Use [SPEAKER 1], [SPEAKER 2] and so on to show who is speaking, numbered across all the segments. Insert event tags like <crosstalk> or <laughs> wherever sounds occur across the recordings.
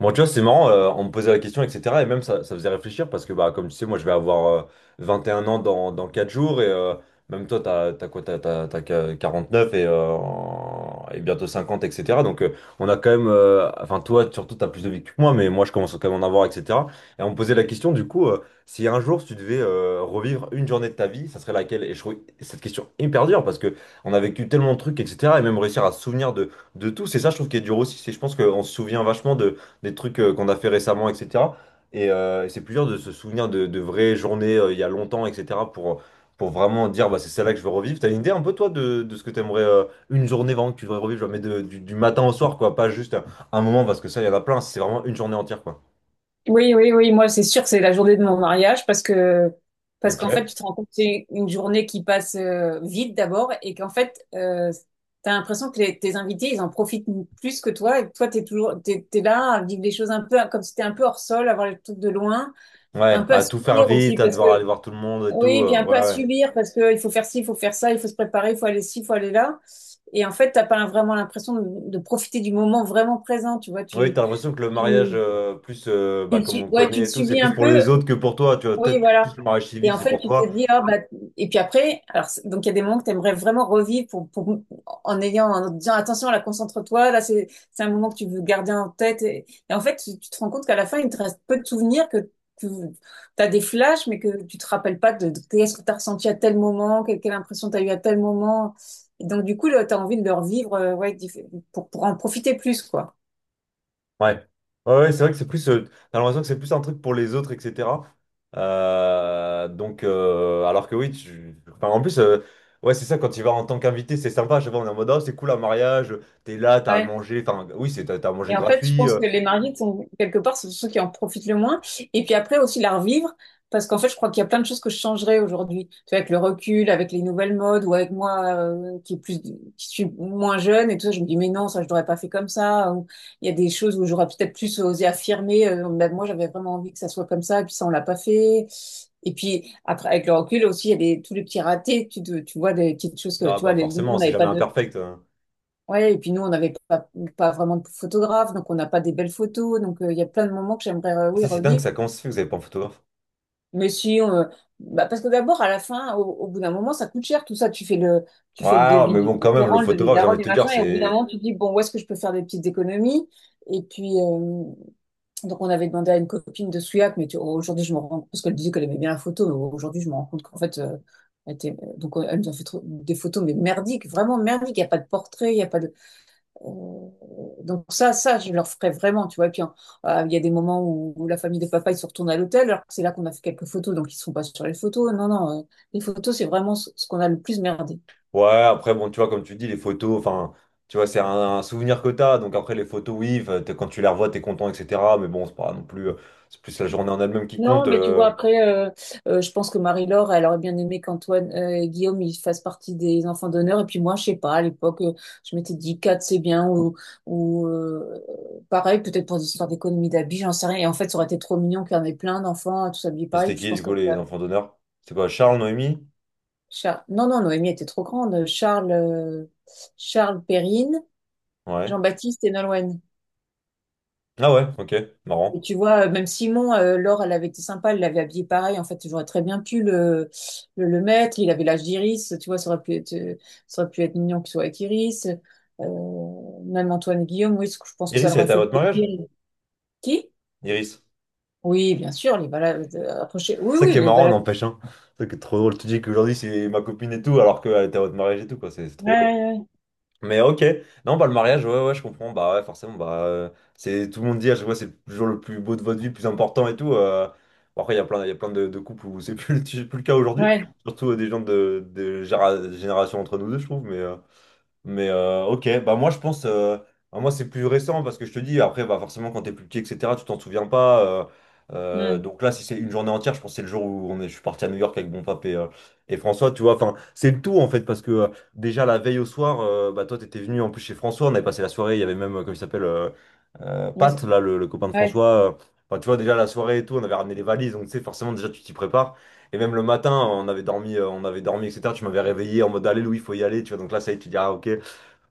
[SPEAKER 1] Bon, tu vois, c'est marrant, on me posait la question, etc. Et même ça, ça faisait réfléchir parce que, bah, comme tu sais, moi, je vais avoir 21 ans dans 4 jours. Même toi, t'as quoi? 49 et bientôt 50, etc. Donc, on a quand même, enfin, toi, surtout, t'as plus de vie que moi, mais moi, je commence à quand même à en avoir, etc. Et on me posait la question, du coup, si un jour, si tu devais revivre une journée de ta vie, ça serait laquelle? Et je trouve cette question hyper dure parce que on a vécu tellement de trucs, etc. Et même réussir à se souvenir de tout, c'est ça, je trouve, qui est dur aussi. C'est, je pense qu'on se souvient vachement de des trucs qu'on a fait récemment, etc. C'est plus dur de se souvenir de vraies journées il y a longtemps, etc., pour vraiment dire bah, c'est celle-là que je veux revivre. T'as une idée un peu, toi, de ce que t'aimerais, une journée vraiment que tu devrais revivre, genre, mais du matin au soir, quoi, pas juste un moment, parce que ça, il y en a plein, c'est vraiment une journée entière, quoi.
[SPEAKER 2] Oui, oui, oui, moi c'est sûr que c'est la journée de mon mariage, parce qu'en fait
[SPEAKER 1] Ok.
[SPEAKER 2] tu te rends compte que c'est une journée qui passe vite d'abord, et qu'en fait t'as l'impression que tes invités ils en profitent plus que toi, et que toi t'es toujours t'es là à vivre des choses un peu comme si t'étais un peu hors sol, à voir les trucs de loin, un
[SPEAKER 1] Ouais,
[SPEAKER 2] peu à
[SPEAKER 1] à tout faire
[SPEAKER 2] subir
[SPEAKER 1] vite,
[SPEAKER 2] aussi
[SPEAKER 1] à
[SPEAKER 2] parce
[SPEAKER 1] devoir
[SPEAKER 2] que
[SPEAKER 1] aller voir tout le monde et tout,
[SPEAKER 2] oui, puis un
[SPEAKER 1] ouais,
[SPEAKER 2] peu à
[SPEAKER 1] ouais.
[SPEAKER 2] subir parce que il faut faire ci, il faut faire ça, il faut se préparer, il faut aller ci, il faut aller là. Et en fait, t'as pas vraiment l'impression de profiter du moment vraiment présent, tu vois,
[SPEAKER 1] Oui, t'as l'impression que le mariage,
[SPEAKER 2] tu,
[SPEAKER 1] plus bah, comme on
[SPEAKER 2] ouais, tu
[SPEAKER 1] connaît
[SPEAKER 2] le
[SPEAKER 1] et tout, c'est
[SPEAKER 2] subis
[SPEAKER 1] plus
[SPEAKER 2] un
[SPEAKER 1] pour les
[SPEAKER 2] peu,
[SPEAKER 1] autres que pour toi. Tu vois,
[SPEAKER 2] oui,
[SPEAKER 1] peut-être
[SPEAKER 2] voilà.
[SPEAKER 1] plus le mariage
[SPEAKER 2] Et
[SPEAKER 1] civil,
[SPEAKER 2] en
[SPEAKER 1] c'est
[SPEAKER 2] fait,
[SPEAKER 1] pour
[SPEAKER 2] tu te
[SPEAKER 1] toi.
[SPEAKER 2] dis, ah bah, et puis après, alors, donc il y a des moments que tu aimerais vraiment revivre pour, en ayant, en disant, attention, là, concentre-toi, là, c'est un moment que tu veux garder en tête. Et en fait, tu te rends compte qu'à la fin, il te reste peu de souvenirs, que tu as des flashs, mais que tu te rappelles pas de qu'est-ce que tu as ressenti à tel moment, quelle impression tu as eue à tel moment. Et donc, du coup, là, tu as envie de le revivre, ouais, pour en profiter plus, quoi.
[SPEAKER 1] Ouais. Ouais, ouais, c'est vrai que c'est plus, t'as l'impression que c'est plus un truc pour les autres, etc. Donc, alors que oui, tu, enfin, en plus, ouais, c'est ça, quand tu vas en tant qu'invité, c'est sympa. Je sais pas, on est en mode, ah, c'est cool un mariage, t'es là, t'as à
[SPEAKER 2] Ouais.
[SPEAKER 1] manger, enfin, oui, c'est, t'as à manger
[SPEAKER 2] Et en fait, je
[SPEAKER 1] gratuit.
[SPEAKER 2] pense
[SPEAKER 1] euh.
[SPEAKER 2] que les mariés sont quelque part, c'est ceux qui en profitent le moins. Et puis après aussi la revivre, parce qu'en fait, je crois qu'il y a plein de choses que je changerais aujourd'hui. Tu vois, avec le recul, avec les nouvelles modes, ou avec moi qui est plus, qui suis moins jeune et tout ça, je me dis mais non, ça je l'aurais pas fait comme ça. Ou il y a des choses où j'aurais peut-être plus osé affirmer. Ben, moi, j'avais vraiment envie que ça soit comme ça, et puis ça on l'a pas fait. Et puis après, avec le recul aussi, il y a tous les petits ratés. Tu vois des petites choses que
[SPEAKER 1] Ah,
[SPEAKER 2] tu vois,
[SPEAKER 1] bah,
[SPEAKER 2] nous, on
[SPEAKER 1] forcément, c'est
[SPEAKER 2] n'avait pas
[SPEAKER 1] jamais
[SPEAKER 2] de.
[SPEAKER 1] imperfect, hein.
[SPEAKER 2] Ouais, et puis nous, on n'avait pas vraiment de photographe, donc on n'a pas des belles photos. Donc il y a plein de moments que j'aimerais, oui,
[SPEAKER 1] Ça, c'est dingue,
[SPEAKER 2] revivre.
[SPEAKER 1] ça, comment ça se fait que vous avez pas un photographe?
[SPEAKER 2] Mais si, bah, parce que d'abord, à la fin, au bout d'un moment, ça coûte cher tout ça. Tu fais le
[SPEAKER 1] Ouais,
[SPEAKER 2] devis
[SPEAKER 1] mais
[SPEAKER 2] du
[SPEAKER 1] bon, quand même, le
[SPEAKER 2] restaurant, le devis de
[SPEAKER 1] photographe, j'ai
[SPEAKER 2] la
[SPEAKER 1] envie
[SPEAKER 2] robe,
[SPEAKER 1] de
[SPEAKER 2] du
[SPEAKER 1] te dire,
[SPEAKER 2] machin, et au bout d'un
[SPEAKER 1] c'est...
[SPEAKER 2] moment, tu te dis, bon, où est-ce que je peux faire des petites économies? Et puis, donc on avait demandé à une copine de Souillac, mais aujourd'hui, je me rends compte, parce qu'elle disait qu'elle aimait bien la photo, mais aujourd'hui, je me rends compte qu'en fait, donc elle nous a fait des photos, mais merdiques, vraiment merdiques. Il n'y a pas de portrait, il n'y a pas de. Euh, donc ça, je leur ferai vraiment, tu vois. Et puis, hein, il y a des moments où la famille de papa, ils se retournent à l'hôtel, alors que c'est là qu'on a fait quelques photos, donc ils ne sont pas sur les photos. Non, non, les photos, c'est vraiment ce qu'on a le plus merdé.
[SPEAKER 1] Ouais, après, bon, tu vois, comme tu dis, les photos, enfin, tu vois, c'est un souvenir que t'as. Donc après, les photos, oui, quand tu les revois, t'es content, etc. Mais bon, c'est pas non plus, c'est plus la journée en elle-même qui
[SPEAKER 2] Non,
[SPEAKER 1] compte.
[SPEAKER 2] mais tu vois,
[SPEAKER 1] euh.
[SPEAKER 2] après, je pense que Marie-Laure, elle aurait bien aimé qu'Antoine et Guillaume, ils fassent partie des enfants d'honneur. Et puis moi, je sais pas, à l'époque, je m'étais dit 4 c'est bien, ou, pareil, peut-être pour des histoires d'économie d'habits, j'en sais rien. Et en fait, ça aurait été trop mignon qu'il y en ait plein d'enfants, tous habillés
[SPEAKER 1] Mais
[SPEAKER 2] pareil.
[SPEAKER 1] c'était
[SPEAKER 2] Puis je
[SPEAKER 1] qui,
[SPEAKER 2] pense
[SPEAKER 1] du
[SPEAKER 2] que.
[SPEAKER 1] coup, les enfants d'honneur? C'est quoi, Charles, Noémie?
[SPEAKER 2] Non, non, Noémie était trop grande. Charles Perrine,
[SPEAKER 1] Ouais.
[SPEAKER 2] Jean-Baptiste et Nolwenn.
[SPEAKER 1] Ah ouais, ok,
[SPEAKER 2] Mais
[SPEAKER 1] marrant.
[SPEAKER 2] tu vois, même Simon, Laure, elle avait été sympa, elle l'avait habillé pareil. En fait, j'aurais très bien pu le mettre. Il avait l'âge d'Iris, tu vois, ça aurait pu être, ça aurait pu être mignon qu'il soit avec Iris. Même Antoine et Guillaume, oui, je pense que ça
[SPEAKER 1] Iris,
[SPEAKER 2] leur
[SPEAKER 1] elle
[SPEAKER 2] aurait
[SPEAKER 1] était à
[SPEAKER 2] fait
[SPEAKER 1] votre mariage?
[SPEAKER 2] plaisir. Qui?
[SPEAKER 1] Iris.
[SPEAKER 2] Oui, bien sûr, les balades approchées. Oui,
[SPEAKER 1] Ça
[SPEAKER 2] oui,
[SPEAKER 1] qui est
[SPEAKER 2] les
[SPEAKER 1] marrant,
[SPEAKER 2] balades.
[SPEAKER 1] n'empêche, hein. Ça qui est trop drôle. Tu dis qu'aujourd'hui, c'est ma copine et tout, alors qu'elle était à votre mariage et tout, quoi. C'est trop drôle.
[SPEAKER 2] Ouais,
[SPEAKER 1] Mais ok, non, bah le mariage, ouais, ouais, je comprends, bah ouais, forcément, bah c'est, tout le monde dit, je vois, c'est toujours le plus beau de votre vie, le plus important et tout. Bon, après, il y a plein de couples où c'est plus, <laughs> plus le cas aujourd'hui,
[SPEAKER 2] ouais,
[SPEAKER 1] surtout des gens de génération entre nous deux, je trouve, mais. Ok, bah moi je pense, bah, moi c'est plus récent parce que je te dis, après bah forcément quand t'es plus petit, etc., tu t'en souviens pas.
[SPEAKER 2] ouais. Hmm.
[SPEAKER 1] Donc là, si c'est une journée entière, je pense que c'est le jour où on est, je suis parti à New York avec mon pape et François, tu vois. Enfin, c'est le tout en fait parce que déjà la veille au soir, bah toi t'étais venu en plus chez François, on avait passé la soirée, il y avait même, comment il s'appelle,
[SPEAKER 2] Mais-
[SPEAKER 1] Pat, là le copain de
[SPEAKER 2] ouais,
[SPEAKER 1] François. Enfin, tu vois, déjà la soirée et tout, on avait ramené les valises, donc tu sais, forcément, déjà tu t'y prépares. Et même le matin, on avait dormi, etc. Tu m'avais réveillé en mode, allez, Louis, faut y aller, tu vois. Donc là, ça y est, tu dis, ah, ok.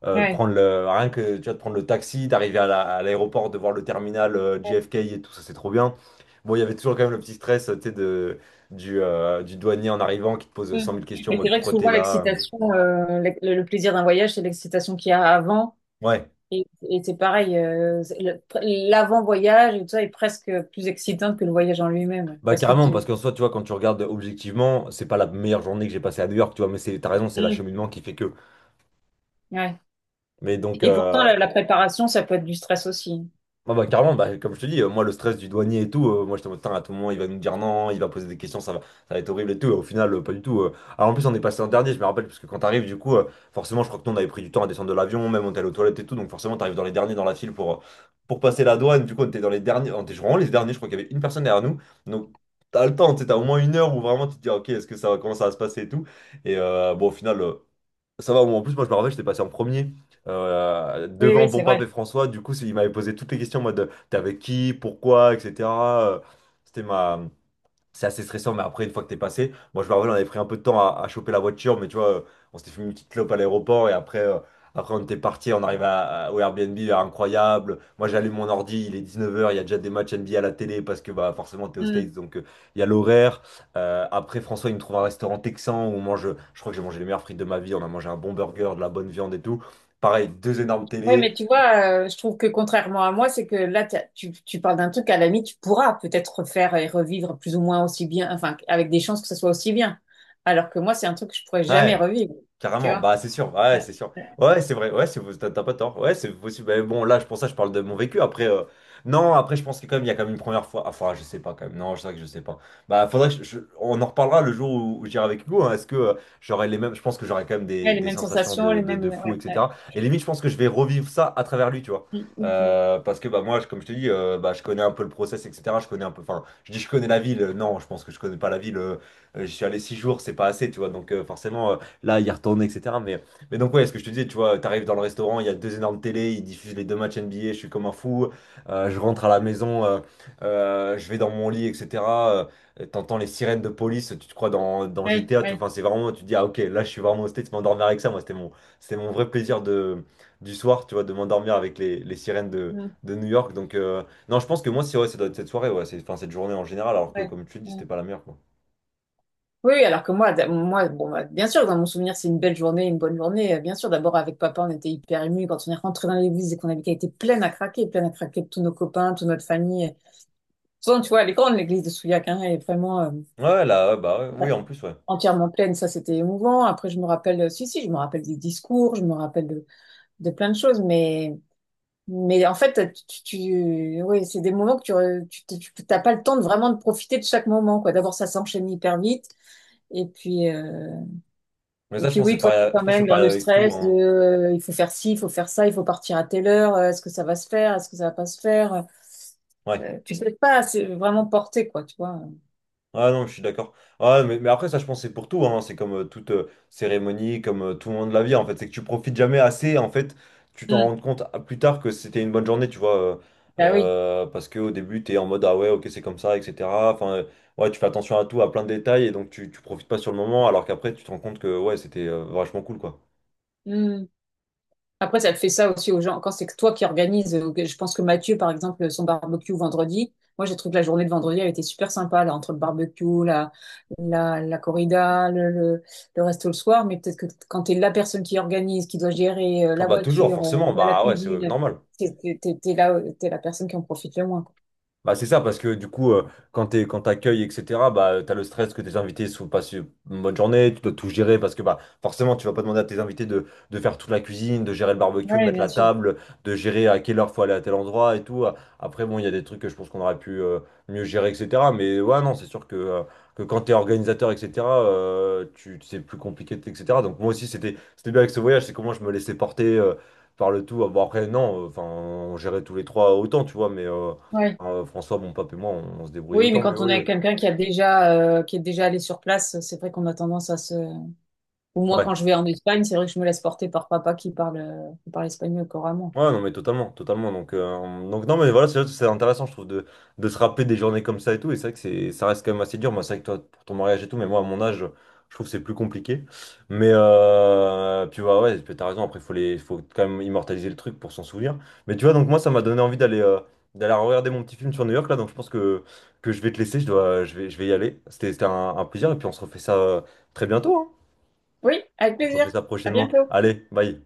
[SPEAKER 1] Euh,
[SPEAKER 2] ouais.
[SPEAKER 1] prendre le, rien que tu vois, de prendre le taxi, d'arriver à l'aéroport, de voir le terminal
[SPEAKER 2] Ouais.
[SPEAKER 1] JFK et tout ça, c'est trop bien. Bon, il y avait toujours quand même le petit stress, tu sais, du douanier en arrivant qui te pose
[SPEAKER 2] Mm.
[SPEAKER 1] cent mille questions en
[SPEAKER 2] Mais c'est
[SPEAKER 1] mode,
[SPEAKER 2] vrai que
[SPEAKER 1] pourquoi t'es
[SPEAKER 2] souvent
[SPEAKER 1] là?
[SPEAKER 2] l'excitation, le plaisir d'un voyage, c'est l'excitation qu'il y a avant.
[SPEAKER 1] Ouais,
[SPEAKER 2] Et c'est pareil, c'est l'avant-voyage et tout ça est presque plus excitant que le voyage en lui-même. Ouais.
[SPEAKER 1] bah
[SPEAKER 2] Parce que
[SPEAKER 1] carrément,
[SPEAKER 2] tu.
[SPEAKER 1] parce qu'en soi, tu vois, quand tu regardes objectivement, c'est pas la meilleure journée que j'ai passée à New York, tu vois, mais c'est, t'as raison, c'est
[SPEAKER 2] Mm.
[SPEAKER 1] l'acheminement qui fait que.
[SPEAKER 2] Ouais.
[SPEAKER 1] Mais donc,
[SPEAKER 2] Et pourtant, la préparation, ça peut être du stress aussi.
[SPEAKER 1] ah bah carrément, bah, comme je te dis, moi le stress du douanier et tout, moi j'étais en mode, putain, à tout moment il va nous dire non, il va poser des questions, ça va être horrible et tout. Et au final pas du tout. Alors en plus, on est passé en dernier, je me rappelle, parce que quand t'arrives du coup, forcément je crois que nous on avait pris du temps à descendre de l'avion, même on était allé aux toilettes et tout, donc forcément t'arrives dans les derniers dans la file pour passer la douane, du coup on était dans les derniers, on était vraiment les derniers, je crois qu'il y avait une personne derrière nous, donc t'as le temps, tu sais, t'as au moins 1 heure où vraiment tu te dis, ah, ok, est-ce que ça va, comment ça va se passer et tout, bon au final... ça va. En plus, moi je me rappelle, j'étais passé en premier,
[SPEAKER 2] Oui,
[SPEAKER 1] devant
[SPEAKER 2] oui,
[SPEAKER 1] Bon
[SPEAKER 2] c'est
[SPEAKER 1] Pape et
[SPEAKER 2] vrai.
[SPEAKER 1] François. Du coup, il m'avait posé toutes les questions en mode, t'es avec qui, pourquoi, etc. Euh, C'était ma, c'est assez stressant, mais après, une fois que t'es passé, moi je me rappelle, on avait pris un peu de temps à choper la voiture, mais tu vois, on s'était fait une petite clope à l'aéroport et après on était parti, on arrive au Airbnb, incroyable. Moi j'allume mon ordi, il est 19 h, il y a déjà des matchs NBA à la télé parce que bah, forcément t'es aux
[SPEAKER 2] Mm.
[SPEAKER 1] States, donc il y a l'horaire. Après, François, il me trouve un restaurant texan où on mange, je crois que j'ai mangé les meilleures frites de ma vie, on a mangé un bon burger, de la bonne viande et tout. Pareil, deux énormes
[SPEAKER 2] Ouais,
[SPEAKER 1] télés.
[SPEAKER 2] mais tu vois, je trouve que contrairement à moi, c'est que là, tu parles d'un truc, à la limite, tu pourras peut-être refaire et revivre plus ou moins aussi bien, enfin, avec des chances que ça soit aussi bien. Alors que moi, c'est un truc que je pourrais jamais
[SPEAKER 1] Ouais.
[SPEAKER 2] revivre. Tu
[SPEAKER 1] Carrément,
[SPEAKER 2] vois.
[SPEAKER 1] bah c'est sûr, ouais,
[SPEAKER 2] Ouais,
[SPEAKER 1] c'est sûr.
[SPEAKER 2] ouais.
[SPEAKER 1] Ouais, c'est vrai, ouais, c'est, t'as pas tort. Ouais, c'est possible. Mais bon, là, pour ça, je parle de mon vécu. Après, non, après, je pense que quand même, il y a quand même une première fois. Enfin, je sais pas quand même. Non, je sais que je sais pas. Bah, faudrait que on en reparlera le jour où j'irai avec Hugo, hein. Est-ce que j'aurai les mêmes. Je pense que j'aurai quand même
[SPEAKER 2] Ouais,
[SPEAKER 1] des,
[SPEAKER 2] les
[SPEAKER 1] des
[SPEAKER 2] mêmes
[SPEAKER 1] sensations
[SPEAKER 2] sensations,
[SPEAKER 1] de,
[SPEAKER 2] les
[SPEAKER 1] de,
[SPEAKER 2] mêmes.
[SPEAKER 1] de fou,
[SPEAKER 2] Ouais, ouais.
[SPEAKER 1] etc. Et limite, je pense que je vais revivre ça à travers lui, tu vois.
[SPEAKER 2] Mm, mm, mm.
[SPEAKER 1] Parce que bah moi comme je te dis bah je connais un peu le process, etc., je connais un peu, enfin, je dis je connais la ville, non je pense que je connais pas la ville, j'y suis allé 6 jours, c'est pas assez, tu vois, donc forcément. Là, y retourner, etc. mais, donc, ouais, ce que je te disais, tu vois, t'arrives dans le restaurant, il y a deux énormes télés, ils diffusent les deux matchs NBA, je suis comme un fou. Je rentre à la maison, je vais dans mon lit, etc. T'entends les sirènes de police, tu te crois dans
[SPEAKER 2] Ouais,
[SPEAKER 1] GTA, tu,
[SPEAKER 2] ouais,
[SPEAKER 1] enfin, c'est vraiment, tu te dis, ah, ok, là, je suis vraiment au States, m'endormir avec ça, moi, c'était mon vrai plaisir du soir, tu vois, de m'endormir avec les sirènes de,
[SPEAKER 2] mm,
[SPEAKER 1] de New York. Donc, non, je pense que moi, c'est, ouais, ça doit être cette soirée, ouais, c'est, enfin, cette journée en général, alors que,
[SPEAKER 2] ouais,
[SPEAKER 1] comme tu le dis, c'était
[SPEAKER 2] ouais.
[SPEAKER 1] pas la meilleure, quoi.
[SPEAKER 2] Oui, oui, alors que moi, moi, bon, bah, bien sûr, dans mon souvenir, c'est une belle journée, une bonne journée. Bien sûr, d'abord avec papa, on était hyper émus quand on est rentré dans l'église et qu'on avait vu qu'elle était pleine à craquer de tous nos copains, toute notre famille. Souvent, tu vois, elle est grande, l'église de Souillac, hein, elle est vraiment
[SPEAKER 1] Ouais, ouais, là, ouais, bah, ouais,
[SPEAKER 2] ouais,
[SPEAKER 1] oui, en plus, ouais.
[SPEAKER 2] entièrement pleine. Ça, c'était émouvant. Après, je me rappelle, si, si, je me rappelle des discours, je me rappelle de plein de choses, mais. Mais en fait, oui, c'est des moments que tu, re- tu- tu- t'as pas le temps de vraiment de profiter de chaque moment, quoi. D'abord, ça s'enchaîne hyper vite. Et puis, euh,
[SPEAKER 1] Mais
[SPEAKER 2] et
[SPEAKER 1] ça, je
[SPEAKER 2] puis
[SPEAKER 1] pense que
[SPEAKER 2] oui,
[SPEAKER 1] c'est
[SPEAKER 2] toi, tu es
[SPEAKER 1] pareil,
[SPEAKER 2] quand
[SPEAKER 1] je pense que
[SPEAKER 2] même
[SPEAKER 1] c'est
[SPEAKER 2] dans
[SPEAKER 1] pareil
[SPEAKER 2] le
[SPEAKER 1] avec tout,
[SPEAKER 2] stress de,
[SPEAKER 1] hein.
[SPEAKER 2] il faut faire ci, il faut faire ça, il faut partir à telle heure, est-ce que ça va se faire, est-ce que ça va pas se faire?
[SPEAKER 1] Ouais.
[SPEAKER 2] Tu sais pas, c'est vraiment porté, quoi, tu vois.
[SPEAKER 1] Ah non, je suis d'accord. Ah ouais, mais après, ça, je pense que c'est pour tout, hein. C'est comme toute cérémonie, comme tout le monde de la vie, en fait. C'est que tu profites jamais assez. En fait, tu t'en
[SPEAKER 2] Mm.
[SPEAKER 1] rends compte plus tard que c'était une bonne journée, tu vois.
[SPEAKER 2] Bah oui.
[SPEAKER 1] Parce qu'au début, t'es en mode, ah ouais, ok, c'est comme ça, etc. Enfin, ouais, tu fais attention à tout, à plein de détails, et donc tu profites pas sur le moment, alors qu'après, tu te rends compte que, ouais, c'était vachement cool, quoi.
[SPEAKER 2] Après, ça te fait ça aussi aux gens. Quand c'est que toi qui organise. Je pense que Mathieu, par exemple, son barbecue vendredi, moi, j'ai trouvé que la journée de vendredi, elle était super sympa, là, entre le barbecue, la corrida, le resto le soir. Mais peut-être que quand t'es la personne qui organise, qui doit gérer
[SPEAKER 1] Ah
[SPEAKER 2] la
[SPEAKER 1] bah, toujours,
[SPEAKER 2] voiture,
[SPEAKER 1] forcément.
[SPEAKER 2] la
[SPEAKER 1] Bah ouais, c'est
[SPEAKER 2] cuisine,
[SPEAKER 1] normal.
[SPEAKER 2] t'es là, t'es la personne qui en profite le moins, quoi.
[SPEAKER 1] Bah, c'est ça, parce que du coup, quand t'accueilles, etc., bah, t'as le stress que tes invités ne passent une bonne journée, tu dois tout gérer, parce que bah, forcément, tu vas pas demander à tes invités de faire toute la cuisine, de gérer le barbecue, de
[SPEAKER 2] Ouais,
[SPEAKER 1] mettre
[SPEAKER 2] bien
[SPEAKER 1] la
[SPEAKER 2] sûr.
[SPEAKER 1] table, de gérer à quelle heure faut aller à tel endroit et tout. Après, bon, il y a des trucs que je pense qu'on aurait pu mieux gérer, etc. Mais ouais, non, c'est sûr que quand t'es organisateur, etc., tu, c'est plus compliqué, etc. Donc moi aussi, c'était bien avec ce voyage, c'est comment je me laissais porter par le tout. Bon, après, non, enfin, on gérait tous les trois autant, tu vois, mais...
[SPEAKER 2] Ouais.
[SPEAKER 1] enfin, François, bon, pape et moi, on se débrouillait
[SPEAKER 2] Oui, mais
[SPEAKER 1] autant, mais
[SPEAKER 2] quand on est avec
[SPEAKER 1] oui.
[SPEAKER 2] quelqu'un qui est déjà allé sur place, c'est vrai qu'on a tendance à se. Ou moi,
[SPEAKER 1] Ouais.
[SPEAKER 2] quand je vais en Espagne, c'est vrai que je me laisse porter par papa qui parle espagnol couramment, quoi.
[SPEAKER 1] Ouais, non, mais totalement, totalement. Donc non, mais voilà, c'est intéressant, je trouve, de se rappeler des journées comme ça et tout. Et c'est vrai que c'est, ça reste quand même assez dur. Moi, c'est vrai que toi, pour ton mariage et tout, mais moi, à mon âge, je trouve que c'est plus compliqué. Mais, puis ouais, ouais, puis t'as raison. Après, faut quand même immortaliser le truc pour s'en souvenir. Mais tu vois, donc moi, ça m'a donné envie d'aller regarder mon petit film sur New York, là. Donc, je pense que je vais te laisser. Je dois, je vais y aller. C'était un plaisir. Et puis, on se refait ça très bientôt, hein.
[SPEAKER 2] Oui, avec
[SPEAKER 1] On se
[SPEAKER 2] plaisir.
[SPEAKER 1] refait ça
[SPEAKER 2] À
[SPEAKER 1] prochainement.
[SPEAKER 2] bientôt.
[SPEAKER 1] Allez, bye.